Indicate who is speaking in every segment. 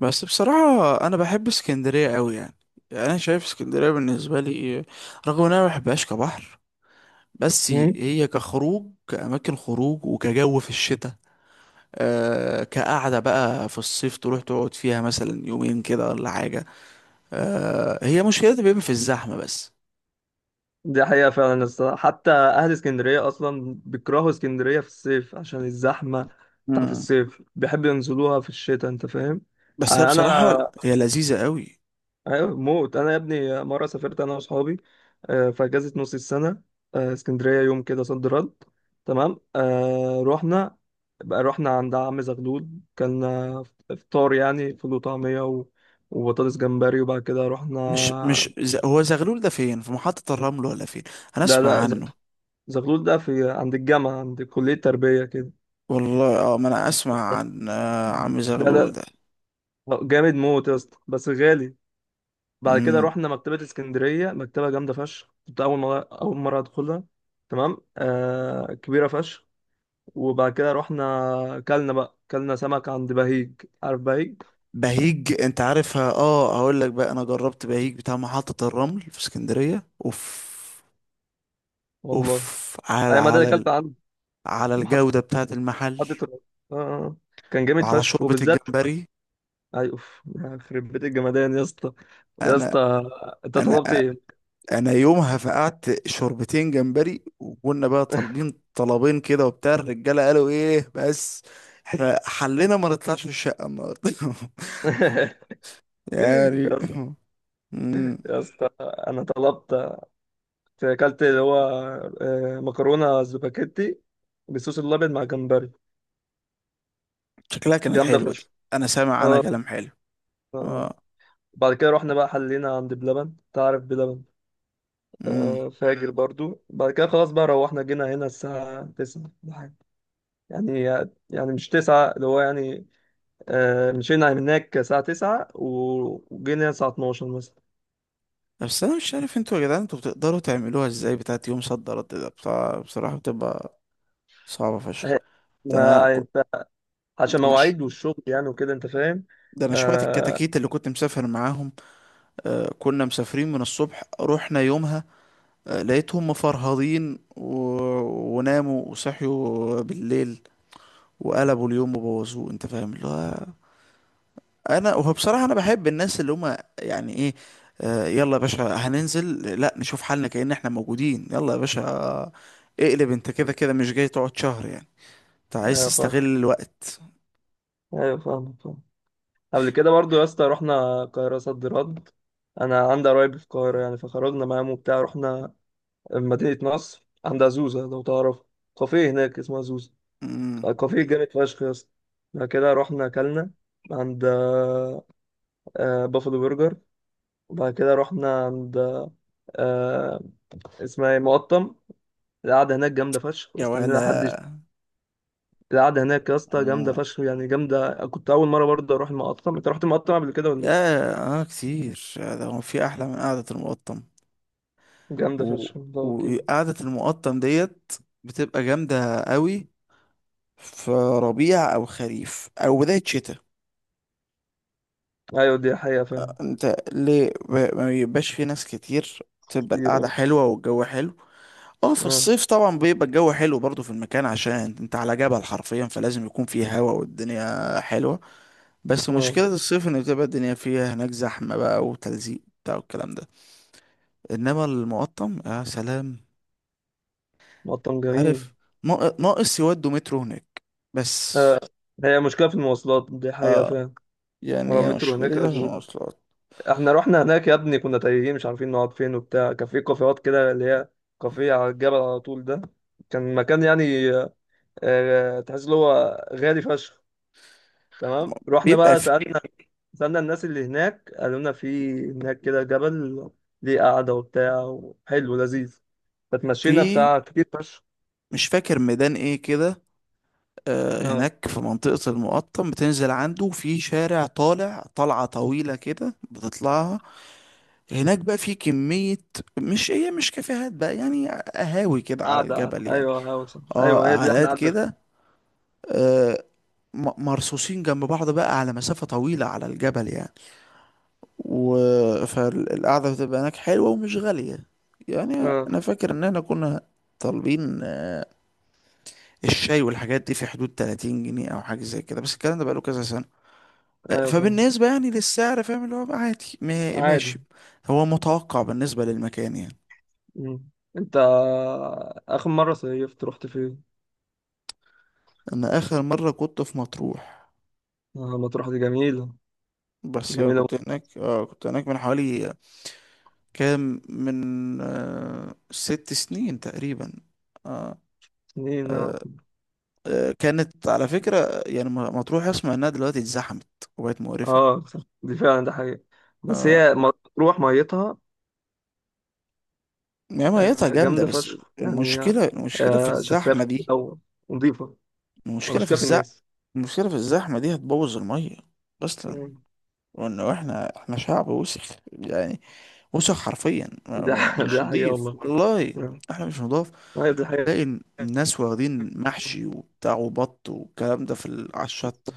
Speaker 1: بس بصراحة أنا بحب اسكندرية أوي يعني أنا شايف اسكندرية بالنسبة لي، رغم إن أنا ما بحبهاش كبحر، بس
Speaker 2: مم.
Speaker 1: هي كخروج كأماكن خروج وكجو في الشتاء، آه كقعدة بقى في الصيف تروح تقعد فيها مثلا يومين كده ولا حاجة. آه هي مشكلتها بيبقى في الزحمة بس.
Speaker 2: دي حقيقة فعلا الصراحة، حتى أهل اسكندرية أصلا بيكرهوا اسكندرية في الصيف عشان الزحمة بتاعت
Speaker 1: مم.
Speaker 2: الصيف، بيحبوا ينزلوها في الشتاء، أنت فاهم.
Speaker 1: بس هي بصراحة
Speaker 2: أنا
Speaker 1: هي لذيذة أوي.
Speaker 2: أيوة موت. أنا يا ابني مرة سافرت أنا وأصحابي في أجازة نص السنة، اسكندرية يوم كده صد رد. تمام، رحنا بقى، رحنا عند عم زغلول. كان إفطار يعني، فول وطعمية وبطاطس جمبري، وبعد كده
Speaker 1: مش
Speaker 2: رحنا.
Speaker 1: مش ز- هو زغلول ده فين؟ في محطة الرمل ولا فين؟ أنا
Speaker 2: لا
Speaker 1: أسمع
Speaker 2: لا،
Speaker 1: عنه.
Speaker 2: زغلول ده في عند الجامعة، عند كلية تربية كده.
Speaker 1: والله اه، ما أنا أسمع عن عم
Speaker 2: لا
Speaker 1: زغلول
Speaker 2: لا،
Speaker 1: ده.
Speaker 2: جامد موت يا اسطى، بس غالي. بعد كده
Speaker 1: مم.
Speaker 2: رحنا مكتبة اسكندرية، مكتبة جامدة فشخ. كنت أول مرة أدخلها. تمام، آه، كبيرة فشخ. وبعد كده رحنا كلنا بقى، كلنا سمك عند بهيج. عارف بهيج؟
Speaker 1: بهيج انت عارفها؟ اه هقول لك بقى، انا جربت بهيج بتاع محطة الرمل في اسكندرية. اوف
Speaker 2: والله
Speaker 1: اوف
Speaker 2: أي، ما ده اللي كلت عنده.
Speaker 1: على
Speaker 2: محدش،
Speaker 1: الجودة بتاعة المحل،
Speaker 2: حد طلع. آه آه. آه. كان جامد
Speaker 1: وعلى
Speaker 2: فشخ،
Speaker 1: شوربة
Speaker 2: وبالذات
Speaker 1: الجمبري.
Speaker 2: أي، أوف، يخرب بيت الجمدان يا اسطى. يا
Speaker 1: انا
Speaker 2: اسطى، أنت
Speaker 1: انا
Speaker 2: طلبت إيه؟
Speaker 1: انا يومها فقعت شوربتين جمبري، وكنا بقى طالبين طلبين كده، وبتاع الرجالة قالوا ايه بس احنا حلنا ما نطلعش من الشقة النهارده. يعني.
Speaker 2: يا،
Speaker 1: مم.
Speaker 2: يا اسطى، انا طلبت، اكلت اللي هو، آه، مكرونه سباكيتي بالصوص الابيض مع جمبري.
Speaker 1: شكلها كانت
Speaker 2: جامده
Speaker 1: حلوة دي،
Speaker 2: فشخ.
Speaker 1: انا سامع انا
Speaker 2: اه.
Speaker 1: كلام حلو
Speaker 2: آه. بعد كده رحنا بقى، حلينا عند بلبن. تعرف بلبن؟
Speaker 1: اه.
Speaker 2: آه، فاجر برضو. بعد كده خلاص بقى روحنا، جينا هنا الساعة 9 ولا حاجة. يعني يعني مش 9، اللي هو يعني، آه، مشينا هناك الساعة 9 وجينا هنا الساعة 12 مثلا.
Speaker 1: بس انا مش عارف انتوا يا جدعان، انتوا بتقدروا تعملوها ازاي بتاعت يوم صد رد ده بتاع؟ بصراحة بتبقى صعبة فشخ.
Speaker 2: آه،
Speaker 1: ده انا
Speaker 2: ما
Speaker 1: ك-
Speaker 2: انت عشان
Speaker 1: ده انا ش-
Speaker 2: مواعيد والشغل، يعني وكده، انت فاهم.
Speaker 1: ده انا شوية
Speaker 2: آه.
Speaker 1: الكتاكيت اللي كنت مسافر معاهم. آه كنا مسافرين من الصبح، رحنا يومها، آه لقيتهم مفرهدين وناموا وصحيوا بالليل، وقلبوا اليوم وبوظوه انت فاهم اللي هو. انا وهو بصراحه انا بحب الناس اللي هم يعني ايه، آه يلا يا باشا هننزل لا نشوف حالنا كأن احنا موجودين، يلا يا باشا اقلب، انت كده كده مش جاي تقعد شهر يعني، انت عايز
Speaker 2: آه.
Speaker 1: تستغل الوقت.
Speaker 2: ايوه، فاهم فاهم. قبل كده برضو يا اسطى رحنا القاهرة صد رد. انا عندي قرايب في القاهرة يعني، فخرجنا معاهم وبتاع، رحنا مدينة نصر عند زوزة، لو تعرف. كافيه هناك اسمها زوزة،
Speaker 1: امم.
Speaker 2: كافيه جامد فشخ يا اسطى. بعد كده رحنا اكلنا عند، آه، بافلو برجر. وبعد كده رحنا عند، آه، اسمها ايه، مقطم. القعدة هناك جامدة فشخ.
Speaker 1: يا
Speaker 2: استنينا
Speaker 1: ولا.
Speaker 2: حد القعدة هناك يا اسطى جامدة
Speaker 1: مم.
Speaker 2: فشخ، يعني جامدة. كنت أول مرة برضه أروح المقطم. أنت رحت المقطم قبل كده ولا لأ؟
Speaker 1: يا اه، كتير يا ده، هو في احلى من قعده المقطم؟
Speaker 2: جامدة
Speaker 1: و...
Speaker 2: فشخ والله.
Speaker 1: وقعده المقطم ديت بتبقى جامده قوي في ربيع او خريف او بدايه شتاء.
Speaker 2: ايوه دي حقيقة فعلا.
Speaker 1: انت ليه ما بيبقاش في ناس كتير؟ تبقى
Speaker 2: كتير
Speaker 1: القعدة
Speaker 2: أوي.
Speaker 1: حلوة والجو حلو. اه في
Speaker 2: اه.
Speaker 1: الصيف طبعا بيبقى الجو حلو برضو في المكان، عشان انت على جبل حرفيا، فلازم يكون فيه هوا والدنيا حلوة. بس
Speaker 2: اه،
Speaker 1: مشكلة الصيف ان بتبقى الدنيا فيها هناك زحمة بقى وتلزيق بتاع والكلام ده. انما المقطم يا سلام!
Speaker 2: مطعم جميل.
Speaker 1: عارف، ناقص يودوا مترو هناك بس.
Speaker 2: آه. هي مشكلة في المواصلات، دي حقيقة
Speaker 1: اه
Speaker 2: فعلا.
Speaker 1: يعني
Speaker 2: هو
Speaker 1: هي
Speaker 2: المترو هناك
Speaker 1: مشكلتها في
Speaker 2: أزمة جدا.
Speaker 1: المواصلات،
Speaker 2: احنا رحنا هناك يا ابني كنا تايهين، مش عارفين نقعد فين وبتاع. كان في كافيهات كده، اللي هي كافيه على الجبل على طول ده. كان مكان يعني، آه، تحس اللي هو غالي فشخ. تمام، رحنا
Speaker 1: بيبقى
Speaker 2: بقى
Speaker 1: في
Speaker 2: سألنا، سألنا الناس اللي هناك قالوا لنا في هناك كده جبل ليه قعدة وبتاع وحلو لذيذ. فتمشينا
Speaker 1: في-
Speaker 2: بتاع كتير فشخ.
Speaker 1: مش فاكر ميدان ايه كده، آه،
Speaker 2: اه.
Speaker 1: هناك في منطقة المقطم بتنزل عنده في شارع طالع طلعة طويلة كده بتطلعها. هناك بقى في كمية، مش هي مش كافيهات بقى، يعني قهاوي كده على
Speaker 2: قاعدة قاعدة،
Speaker 1: الجبل يعني.
Speaker 2: أيوه أيوه، صح،
Speaker 1: اه
Speaker 2: أيوه هي دي إحنا
Speaker 1: قعدات
Speaker 2: قعدنا فيها.
Speaker 1: كده، آه، مرصوصين جنب بعض بقى على مسافة طويلة على الجبل يعني. و، فالقعدة بتبقى هناك حلوة ومش غالية يعني.
Speaker 2: أه.
Speaker 1: أنا فاكر إن احنا كنا طالبين الشاي والحاجات دي في حدود 30 جنيه أو حاجة زي كده، بس الكلام ده بقاله كذا سنة.
Speaker 2: أيوه فاهم.
Speaker 1: فبالنسبة يعني للسعر، فاهم اللي هو بقى عادي ماشي.
Speaker 2: عادي.
Speaker 1: هو متوقع بالنسبة للمكان يعني.
Speaker 2: مم. أنت آخر مرة صيفت رحت فين؟
Speaker 1: أنا آخر مرة كنت في مطروح،
Speaker 2: آه، مطروح دي جميلة.
Speaker 1: بس أنا
Speaker 2: جميلة. من
Speaker 1: كنت هناك، آه كنت هناك من حوالي كام، من آه 6 سنين تقريبا. آه
Speaker 2: سنين أه.
Speaker 1: آه كانت على فكرة يعني مطروح أسمع إنها دلوقتي اتزحمت وبقت مقرفة.
Speaker 2: آه، صح، دي فعلا ده حقيقة. بس
Speaker 1: آه
Speaker 2: هي مطروح ميتها،
Speaker 1: يعني ميتها
Speaker 2: آه،
Speaker 1: جامدة
Speaker 2: جامدة
Speaker 1: بس.
Speaker 2: فشخ يعني.
Speaker 1: المشكلة في
Speaker 2: آه، شفافة
Speaker 1: الزحمة
Speaker 2: في
Speaker 1: دي،
Speaker 2: الأول، ونضيفة
Speaker 1: المشكلة
Speaker 2: ومش
Speaker 1: في
Speaker 2: كافي
Speaker 1: الزحمة،
Speaker 2: الناس.
Speaker 1: المشكلة في الزحمة دي هتبوظ المية أصلا.
Speaker 2: مم.
Speaker 1: وانه احنا، احنا شعب وسخ يعني، وسخ حرفيا، مش
Speaker 2: دي حقيقة
Speaker 1: نضيف
Speaker 2: والله.
Speaker 1: والله.
Speaker 2: آه،
Speaker 1: احنا مش نضاف.
Speaker 2: أيوه دي حقيقة.
Speaker 1: تلاقي الناس واخدين محشي وبتاع وبط والكلام ده في على الشط،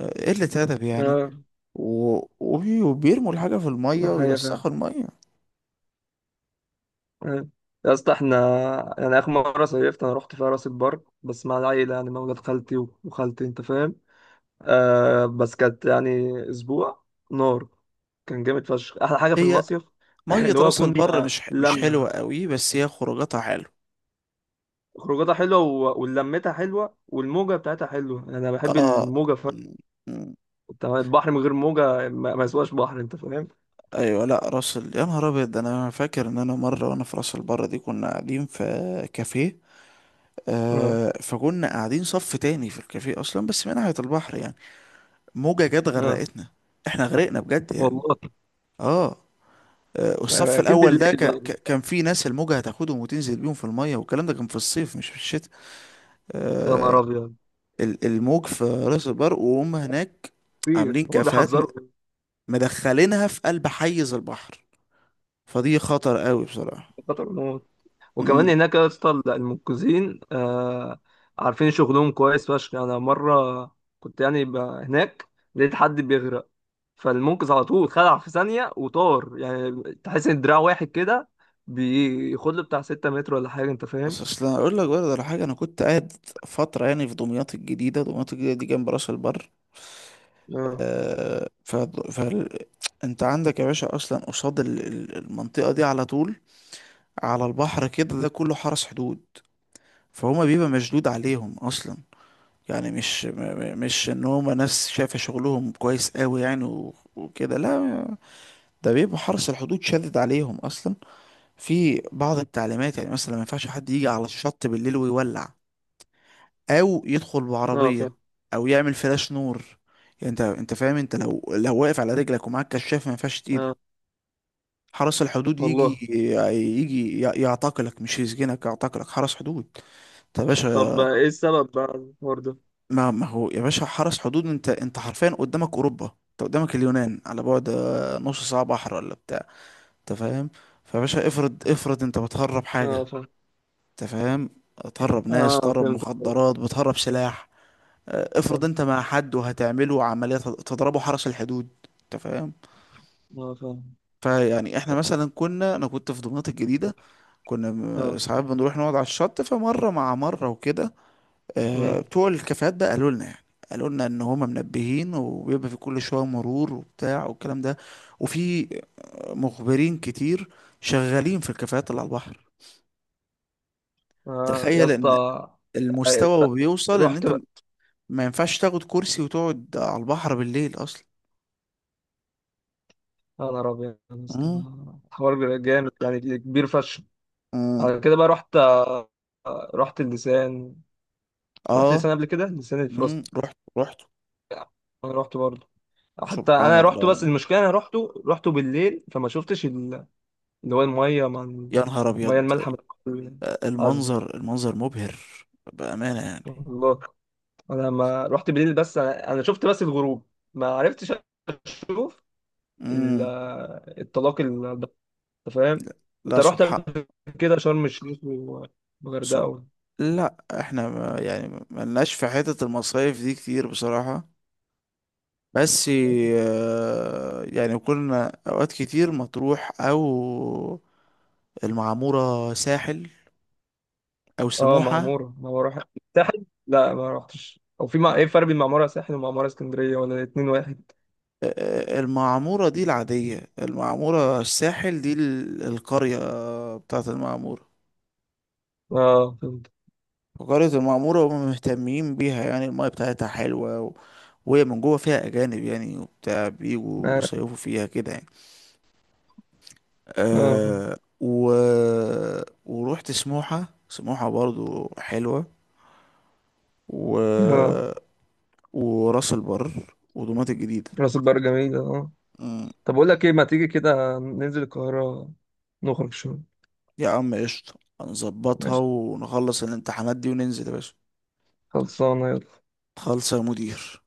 Speaker 1: آه، قلة أدب يعني،
Speaker 2: آه،
Speaker 1: وبيرموا الحاجة في
Speaker 2: ده
Speaker 1: المية
Speaker 2: حقيقة
Speaker 1: ويوسخوا
Speaker 2: فعلا.
Speaker 1: المية.
Speaker 2: مم. يا اسطى، احنا يعني اخر مره صيفت انا رحت فيها راس البر، بس مع العيله يعني، مع ولاد خالتي وخالتي، انت فاهم. آه، بس كانت يعني اسبوع نار. كان جامد فشخ. احلى حاجه في
Speaker 1: هي
Speaker 2: المصيف
Speaker 1: مية
Speaker 2: اللي هو
Speaker 1: راس البر
Speaker 2: كنا
Speaker 1: مش
Speaker 2: لمه،
Speaker 1: حلوة قوي، بس هي خروجاتها حلوة
Speaker 2: خروجاتها حلوه ولمتها حلوه، والموجه بتاعتها حلوه، يعني انا بحب
Speaker 1: اه.
Speaker 2: الموجه
Speaker 1: م-
Speaker 2: فشخ.
Speaker 1: م-
Speaker 2: أنت البحر من غير موجه ما يسواش بحر، انت فاهم.
Speaker 1: ايوه لا راس ال... يا نهار ابيض، ده انا فاكر ان انا مره وانا في راس البر دي، كنا قاعدين في كافيه،
Speaker 2: اه.
Speaker 1: آه فكنا قاعدين صف تاني في الكافيه اصلا بس من ناحية البحر يعني. موجة جت
Speaker 2: اه.
Speaker 1: غرقتنا. احنا غرقنا بجد يعني.
Speaker 2: والله.
Speaker 1: اه، آه، والصف
Speaker 2: اكيد
Speaker 1: الاول
Speaker 2: بالليل
Speaker 1: ده
Speaker 2: بقى.
Speaker 1: كان في ناس الموجة هتاخدهم وتنزل بيهم في المية، والكلام ده كان في الصيف مش في الشتاء.
Speaker 2: يا نهار
Speaker 1: آه،
Speaker 2: ابيض.
Speaker 1: الموج في راس البر وهم هناك
Speaker 2: كتير
Speaker 1: عاملين
Speaker 2: هو
Speaker 1: كافيهات
Speaker 2: بيحذروا من
Speaker 1: مدخلينها في قلب حيز البحر، فدي خطر قوي بصراحة.
Speaker 2: خطر الموت. وكمان
Speaker 1: مم.
Speaker 2: هناك يا اسطى المنقذين، آه، عارفين شغلهم كويس فشخ. انا مره كنت يعني هناك لقيت حد بيغرق، فالمنقذ على طول خلع في ثانيه وطار. يعني تحس ان دراع واحد كده بياخد له بتاع 6 متر ولا حاجه، انت فاهم.
Speaker 1: بس اصل أنا اقول لك برضه على حاجة، انا كنت قاعد فترة يعني في دمياط الجديدة، دمياط الجديدة دي جنب راس البر.
Speaker 2: اه.
Speaker 1: آه، ف... انت عندك يا باشا اصلا قصاد المنطقه دي على طول على البحر كده، ده كله حرس حدود، فهما بيبقى مشدود عليهم اصلا يعني. مش م- م- مش ان هما ناس شايفه شغلهم كويس قوي يعني و- وكده، لا، ده بيبقى حرس الحدود شادد عليهم اصلا في بعض التعليمات. يعني مثلا ما ينفعش حد يجي على الشط بالليل ويولع، او يدخل
Speaker 2: اه فاهم.
Speaker 1: بعربيه، او يعمل فلاش نور، يعني انت انت فاهم، انت لو واقف على رجلك ومعاك كشاف، ما ينفعش.
Speaker 2: اه.
Speaker 1: حرس الحدود يجي،
Speaker 2: والله.
Speaker 1: يعتقلك، مش يسجنك، يعتقلك حرس حدود. طب يا
Speaker 2: عارف. طب
Speaker 1: باشا؟
Speaker 2: بقى ايه السبب بقى الحوار ده؟
Speaker 1: ما هو يا باشا حرس حدود، انت انت حرفيا قدامك اوروبا، انت قدامك اليونان على بعد آه، نص ساعه بحر ولا بتاع، انت فاهم. فيا باشا افرض انت بتهرب حاجه،
Speaker 2: اه فاهم.
Speaker 1: انت فاهم، تهرب ناس،
Speaker 2: اه
Speaker 1: تهرب
Speaker 2: فهمت.
Speaker 1: مخدرات، بتهرب سلاح، آه،
Speaker 2: صح.
Speaker 1: افرض انت مع حد وهتعمله عمليه، تضربه حرس الحدود، انت فاهم.
Speaker 2: اه فاهم.
Speaker 1: فيعني احنا مثلا كنا، انا كنت في دمياط الجديده، كنا
Speaker 2: اه.
Speaker 1: ساعات بنروح نقعد على الشط، فمره مع مره وكده،
Speaker 2: امم.
Speaker 1: آه، بتوع الكافيهات بقى قالوا لنا يعني، قالوا لنا ان هما منبهين، وبيبقى في كل شويه مرور وبتاع والكلام ده، وفي مخبرين كتير شغالين في الكافيهات اللي على البحر.
Speaker 2: آه يا
Speaker 1: تخيل
Speaker 2: اسطى.
Speaker 1: ان
Speaker 2: آه،
Speaker 1: المستوى بيوصل ان
Speaker 2: رحت.
Speaker 1: انت ما ينفعش تاخد كرسي وتقعد على البحر بالليل اصلا.
Speaker 2: يا نهار أبيض يا اسطى، ده
Speaker 1: امم
Speaker 2: حوار جامد يعني، كبير فشخ.
Speaker 1: امم
Speaker 2: على كده بقى، رحت، آه، رحت اللسان. رحت
Speaker 1: اه
Speaker 2: لسان قبل كده، لسان الفرنسي.
Speaker 1: رحت.
Speaker 2: أنا رحت برضه. حتى
Speaker 1: سبحان
Speaker 2: أنا رحت،
Speaker 1: الله
Speaker 2: بس
Speaker 1: يعني.
Speaker 2: المشكلة أنا رحته بالليل، فما شفتش اللي هو المية مع
Speaker 1: يا نهار
Speaker 2: المية
Speaker 1: ابيض،
Speaker 2: المالحة من العذبة.
Speaker 1: المنظر المنظر مبهر بأمانة يعني.
Speaker 2: والله أنا لما رحت بالليل بس، أنا أنا شفت بس الغروب، ما عرفتش أشوف ال-
Speaker 1: امم
Speaker 2: الطلاق، انت فاهم.
Speaker 1: لا
Speaker 2: انت
Speaker 1: لا،
Speaker 2: رحت
Speaker 1: سبحان،
Speaker 2: قبل كده شرم الشيخ
Speaker 1: سب...
Speaker 2: والغردقه
Speaker 1: لا احنا ما يعني ما لناش في حتة المصايف دي كتير بصراحة، بس آه، يعني كنا اوقات كتير مطروح، او المعمورة ساحل، او
Speaker 2: اه
Speaker 1: سموحة.
Speaker 2: معموره، معموره ساحل، لا ما رحتش، او في مع،
Speaker 1: م-
Speaker 2: ايه الفرق بين معموره ساحل ومعموره اسكندريه ولا الاتنين واحد؟
Speaker 1: آه، آه، المعمورة دي العادية، المعمورة الساحل دي القرية بتاعت المعمورة،
Speaker 2: اه فهمت.
Speaker 1: فقرية المعمورة هم مهتمين بيها يعني، المايه بتاعتها حلوة وهي من جوه فيها أجانب يعني، وبتاع بيجوا
Speaker 2: اه.
Speaker 1: يصيفوا فيها كده يعني.
Speaker 2: اه فهمت.
Speaker 1: أه ورحت سموحة، سموحة برضو حلوة، و...
Speaker 2: اه.
Speaker 1: وراس البر ودمياط الجديدة.
Speaker 2: راس البر جميله اه.
Speaker 1: مم.
Speaker 2: طب اقول لك ايه، ما تيجي كده ننزل القاهره نخرج شويه؟
Speaker 1: يا عم قشطة، هنظبطها
Speaker 2: ماشي،
Speaker 1: ونخلص الامتحانات دي وننزل يا باشا.
Speaker 2: خلصانه، يلا.
Speaker 1: خالصة يا مدير.